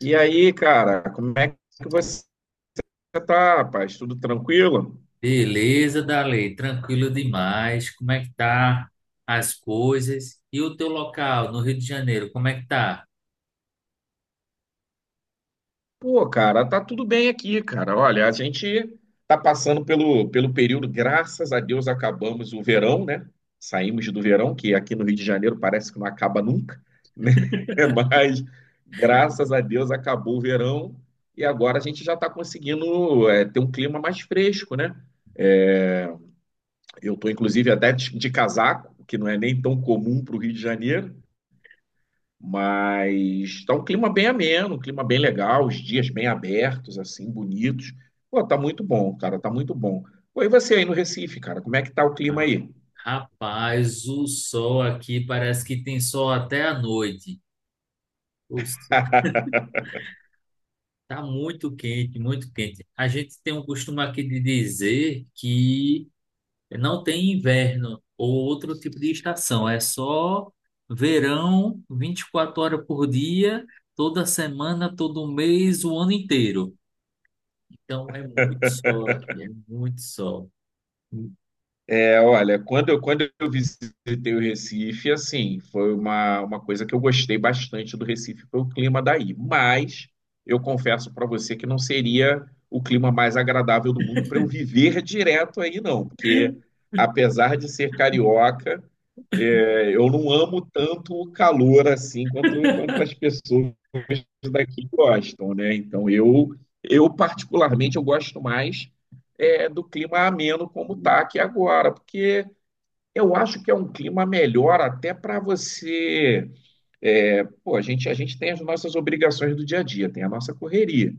E aí, cara, como é que você tá, rapaz? Tudo tranquilo? Beleza, Dalei, tranquilo demais. Como é que tá as coisas? E o teu local no Rio de Janeiro, como é que tá? Pô, cara, tá tudo bem aqui, cara. Olha, a gente tá passando pelo período, graças a Deus acabamos o verão, né? Saímos do verão, que aqui no Rio de Janeiro parece que não acaba nunca, né? Mas graças a Deus acabou o verão e agora a gente já tá conseguindo ter um clima mais fresco, né? Eh, Eu tô inclusive até de casaco, que não é nem tão comum para o Rio de Janeiro. Mas tá um clima bem ameno, um clima bem legal, os dias bem abertos, assim, bonitos. Pô, tá muito bom, cara, tá muito bom. Pô, e você aí no Recife, cara, como é que tá o clima Ah, aí? rapaz, o sol aqui parece que tem sol até à noite. O sol tá muito quente, muito quente. A gente tem um costume aqui de dizer que não tem inverno ou outro tipo de estação, é só verão, 24 horas por dia, toda semana, todo mês, o ano inteiro. Então é muito sol aqui, é muito sol. É, olha, quando eu visitei o Recife, assim, foi uma coisa que eu gostei bastante do Recife, foi o clima daí. Mas eu confesso para você que não seria o clima mais agradável do mundo para eu viver direto aí, não. Porque, apesar de ser carioca, eu não amo tanto o calor assim quanto as pessoas daqui gostam, né? Então, eu particularmente, eu gosto mais do clima ameno como está aqui agora, porque eu acho que é um clima melhor até para você. É, pô, a gente tem as nossas obrigações do dia a dia, tem a nossa correria.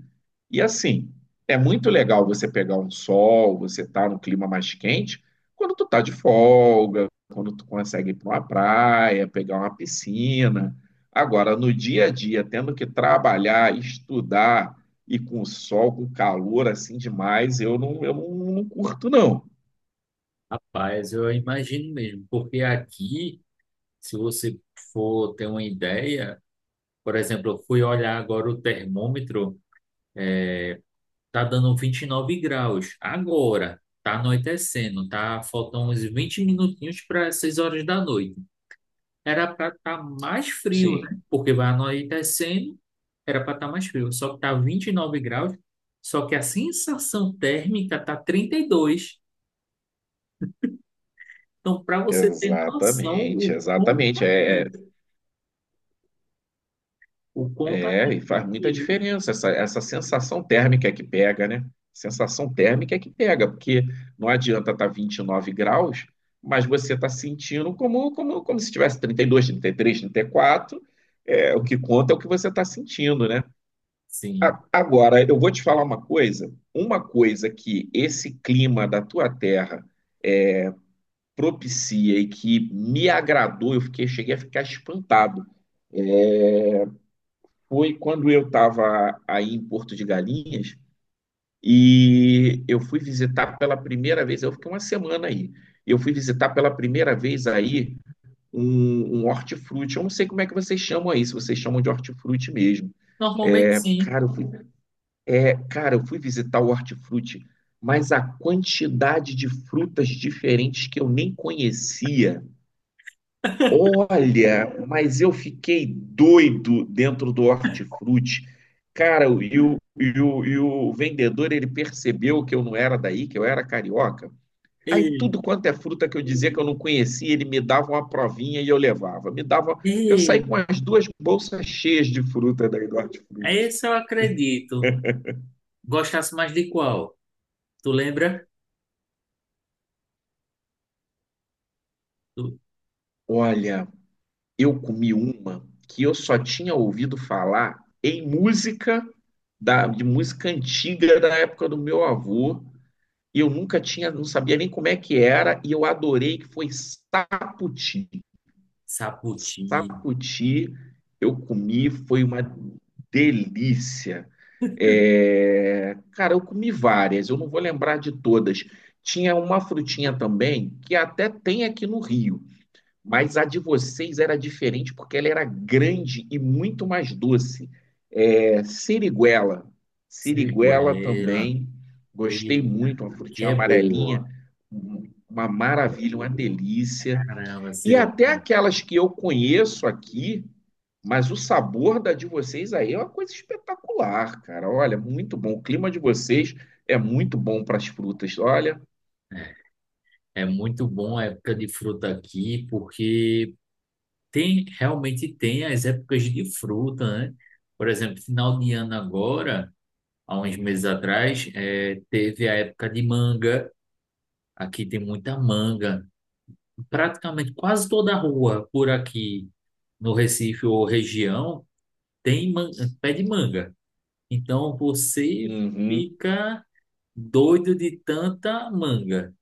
E assim, é muito legal você pegar um sol, você tá num clima mais quente, quando tu tá de folga, quando tu consegue ir para uma praia, pegar uma piscina. Agora, no dia a dia, tendo que trabalhar, estudar e com sol, com calor assim demais, eu não, não curto, não. Rapaz, eu imagino mesmo, porque aqui, se você for ter uma ideia, por exemplo, eu fui olhar agora o termômetro, tá dando 29 graus agora, tá anoitecendo, tá faltando uns 20 minutinhos para 6 horas da noite. Era para estar mais frio, né? Sim. Porque vai anoitecendo, era para estar mais frio, só que tá 29 graus, só que a sensação térmica tá 32. Então, para você ter noção, Exatamente, o quão exatamente. tá quente, o quão tá quente E é faz muita aqui, viu? diferença essa sensação térmica que pega, né? Sensação térmica que pega, porque não adianta estar 29 graus, mas você está sentindo como se tivesse trinta trinta e dois 33 34. É, o que conta é o que você está sentindo, né? Sim. Agora, eu vou te falar uma coisa. Uma coisa que esse clima da tua terra propicia e que me agradou, cheguei a ficar espantado foi quando eu estava aí em Porto de Galinhas e eu fui visitar pela primeira vez, eu fiquei uma semana aí, eu fui visitar pela primeira vez aí um hortifruti, eu não sei como é que vocês chamam aí, se vocês chamam de hortifruti mesmo. Normalmente, É, sim. cara, eu fui, eu fui visitar o hortifruti, mas a quantidade de frutas diferentes que eu nem conhecia. Olha, mas eu fiquei doido dentro do hortifruti. Cara, e o vendedor, ele percebeu que eu não era daí, que eu era carioca. Aí Ei, tudo quanto é fruta que eu dizia que eu não conhecia, ele me dava uma provinha e eu levava. Me dava, eu saí ei, com as duas bolsas cheias de fruta daí do é hortifruti. esse eu acredito. Gostasse mais de qual? Tu lembra? Do Olha, eu comi uma que eu só tinha ouvido falar em música de música antiga da época do meu avô e eu nunca tinha, não sabia nem como é que era, e eu adorei que foi sapoti, sapoti, sapoti. Eu comi, foi uma delícia. É, cara, eu comi várias, eu não vou lembrar de todas. Tinha uma frutinha também que até tem aqui no Rio, mas a de vocês era diferente porque ela era grande e muito mais doce. É, siriguela. Siriguela siriguela. também. Gostei Ei, muito, uma que frutinha é amarelinha, boa. Uma maravilha, uma delícia. Caramba, E até siriguela. aquelas que eu conheço aqui, mas o sabor da de vocês aí é uma coisa espetacular, cara. Olha, muito bom. O clima de vocês é muito bom para as frutas. Olha, É muito bom a época de fruta aqui, porque tem realmente tem as épocas de fruta, né? Por exemplo, final de ano agora. Há uns meses atrás, teve a época de manga. Aqui tem muita manga. Praticamente quase toda a rua por aqui no Recife ou região tem man- pé de manga. Então você uhum. fica doido de tanta manga.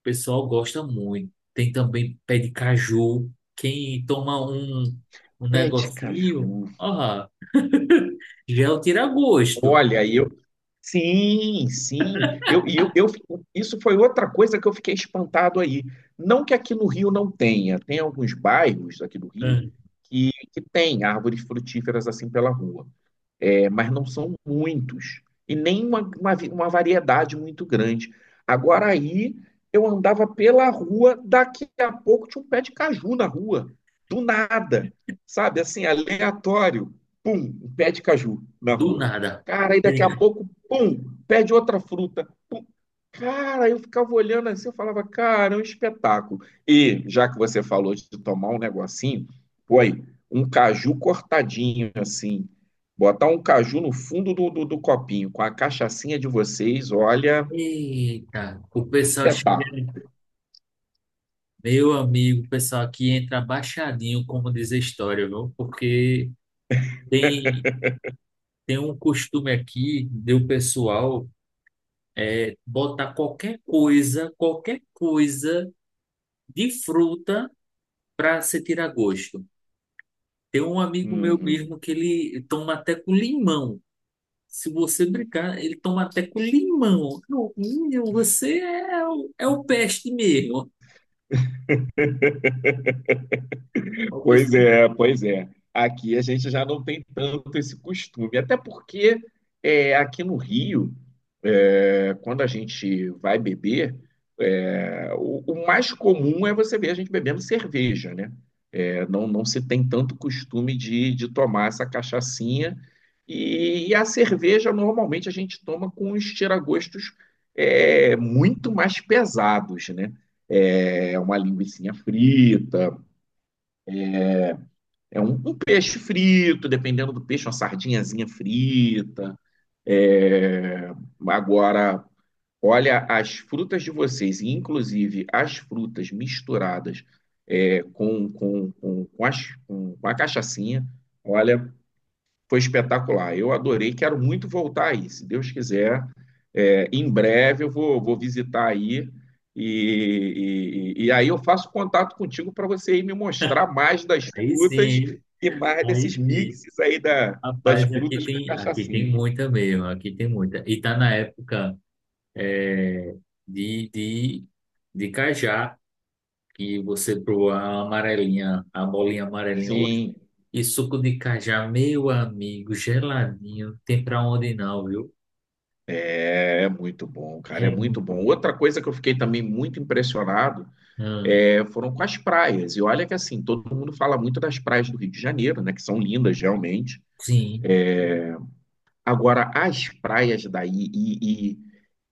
O pessoal gosta muito. Tem também pé de caju. Quem toma um, um Pé de negocinho, caju. ó, já é o tira-gosto. Olha, eu sim, sim. Eu, e eu, eu, isso foi outra coisa que eu fiquei espantado aí. Não que aqui no Rio não tenha, tem alguns bairros aqui do Rio Hum. Que tem árvores frutíferas assim pela rua, mas não são muitos, e nem uma variedade muito grande. Agora aí, eu andava pela rua, daqui a pouco tinha um pé de caju na rua, do nada, sabe? Assim, aleatório, pum, um pé de caju na Do rua. nada. Cara, aí daqui a pouco, pum, pé de outra fruta, pum. Cara, eu ficava olhando assim, eu falava, cara, é um espetáculo. E já que você falou de tomar um negocinho, foi um caju cortadinho assim, botar um caju no fundo do copinho com a cachaçinha de vocês, olha, Eita, o pessoal chega, espetáculo. meu amigo, o pessoal aqui entra baixadinho, como diz a história, viu? Porque tem, tem um costume aqui do pessoal botar qualquer coisa de fruta para se tirar gosto. Tem um amigo meu Uhum. mesmo que ele toma até com limão. Se você brincar, ele toma até com limão. Eu, "Menino, você é, é o peste mesmo." Pois é, pois é. Aqui a gente já não tem tanto esse costume, até porque aqui no Rio, quando a gente vai beber, o mais comum é você ver a gente bebendo cerveja, né? Não se tem tanto costume de tomar essa cachaçinha. E a cerveja, normalmente, a gente toma com os tiragostos muito mais pesados, né? É uma linguiça frita, é um peixe frito, dependendo do peixe, uma sardinhazinha frita. É, agora, olha, as frutas de vocês, e inclusive as frutas misturadas com a cachaçinha, olha, foi espetacular. Eu adorei, quero muito voltar aí. Se Deus quiser, em breve eu vou, vou visitar aí e aí eu faço contato contigo para você ir me mostrar mais das Aí frutas sim, e mais aí desses sim. mixes aí das Rapaz, frutas com a aqui cachaçinha. tem muita mesmo, aqui tem muita. E tá na época é, de, de, de cajá, que você proa a amarelinha, a bolinha amarelinha. Oxe, Sim. e suco de cajá, meu amigo, geladinho, tem pra onde não, viu? É muito bom, cara, é É muito muito bom. bom. Outra coisa que eu fiquei também muito impressionado Hum, foram com as praias. E olha que assim, todo mundo fala muito das praias do Rio de Janeiro, né? Que são lindas realmente. sim. Agora, as praias daí, e,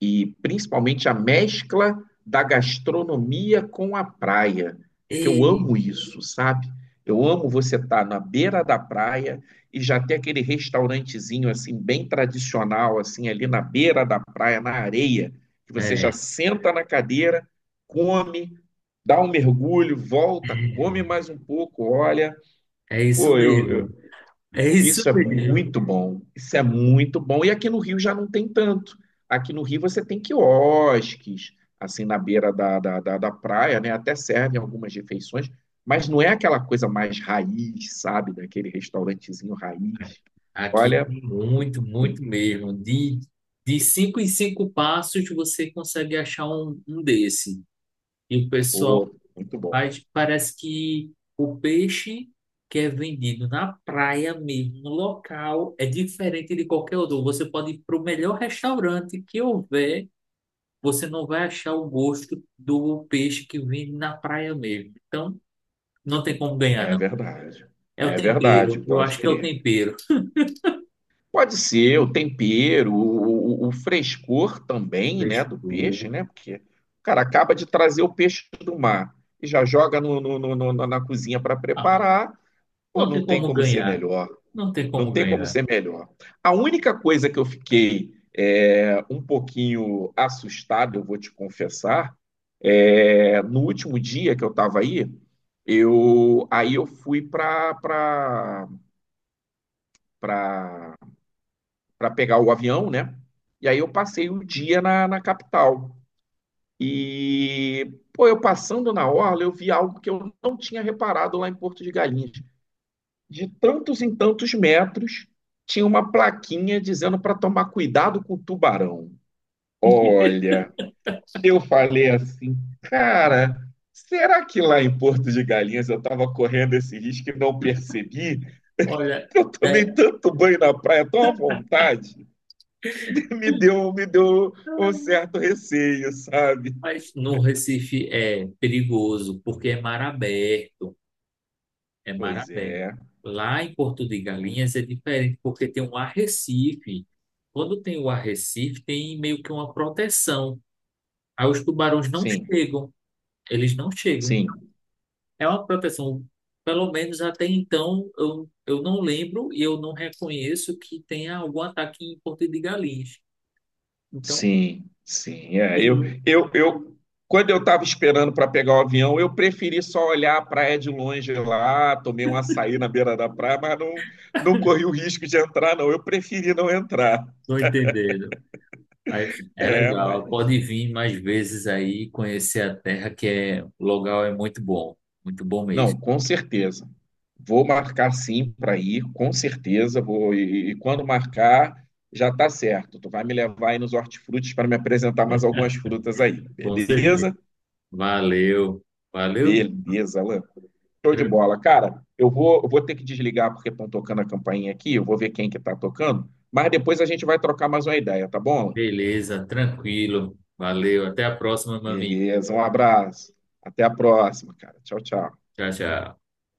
e, e principalmente a mescla da gastronomia com a praia, porque eu Ei, amo isso, sabe? Eu amo você estar na beira da praia e já ter aquele restaurantezinho assim bem tradicional assim ali na beira da praia, na areia, que você é, já é, senta na cadeira, come, dá um mergulho, volta, come mais um pouco, olha, é isso pô, mesmo. É isso isso é mesmo. muito bom. Isso é muito bom. E aqui no Rio já não tem tanto. Aqui no Rio você tem quiosques, assim, na beira da praia, né? Até servem algumas refeições, mas não é aquela coisa mais raiz, sabe? Daquele restaurantezinho raiz. Aqui Olha, tem muito, ruim. muito mesmo. De 5 em 5 passos você consegue achar um, um desse. E o pessoal Muito bom. faz, parece que o peixe que é vendido na praia mesmo, no local, é diferente de qualquer outro. Você pode ir para o melhor restaurante que houver, você não vai achar o gosto do peixe que vem na praia mesmo. Então, não tem como ganhar, É não. verdade. É o É verdade, tempero. Eu pode acho que é o crer. tempero. Pode ser o tempero, o frescor também, né, Deixa do peixe, eu... né? Porque, o cara, acaba de trazer o peixe do mar e já joga na cozinha para Ah, preparar. Pô, não não tem tem como como ser ganhar. melhor. Não tem Não como tem como ganhar. ser melhor. A única coisa que eu fiquei um pouquinho assustado, eu vou te confessar, no último dia que eu estava aí, eu fui para para pegar o avião, né? E aí eu passei o dia na capital. E, pô, eu passando na orla, eu vi algo que eu não tinha reparado lá em Porto de Galinhas. De tantos em tantos metros, tinha uma plaquinha dizendo para tomar cuidado com o tubarão. Olha, eu falei assim, cara, será que lá em Porto de Galinhas eu estava correndo esse risco e não percebi? Olha, Eu tomei né? tanto banho na praia, tão à vontade. Me deu um certo receio, sabe? Mas no Recife é perigoso, porque é mar aberto. É mar Pois aberto. é, Lá em Porto de Galinhas é diferente, porque tem um arrecife. Quando tem o arrecife, tem meio que uma proteção. Aí os tubarões não sim, chegam. Eles não chegam. sim, É uma proteção. Pelo menos até então, eu não lembro e eu não reconheço que tenha algum ataque em Porto de Galinhas. Então, sim, sim. Sim, Eu, quando eu estava esperando para pegar o avião, eu preferi só olhar a praia de longe lá, tomei um açaí na beira da praia, mas não, não corri o risco de entrar, não. Eu preferi não entrar. tô entendendo. Mas é É, legal, mas. pode vir mais vezes aí conhecer a terra, que é, o local é muito bom mesmo. Não, com certeza. Vou marcar sim para ir, com certeza. E quando marcar, já está certo. Tu vai me levar aí nos hortifrutis para me apresentar mais algumas frutas aí, Com certeza. beleza? Valeu, valeu, menino. Beleza, Alan. Show de Tran- bola, cara. Eu vou ter que desligar porque estão tocando a campainha aqui. Eu vou ver quem que está tocando. Mas depois a gente vai trocar mais uma ideia, tá bom? Alan? beleza, tranquilo. Valeu, até a próxima, meu amigo. Beleza. Um abraço. Até a próxima, cara. Tchau, tchau. Tchau, tchau.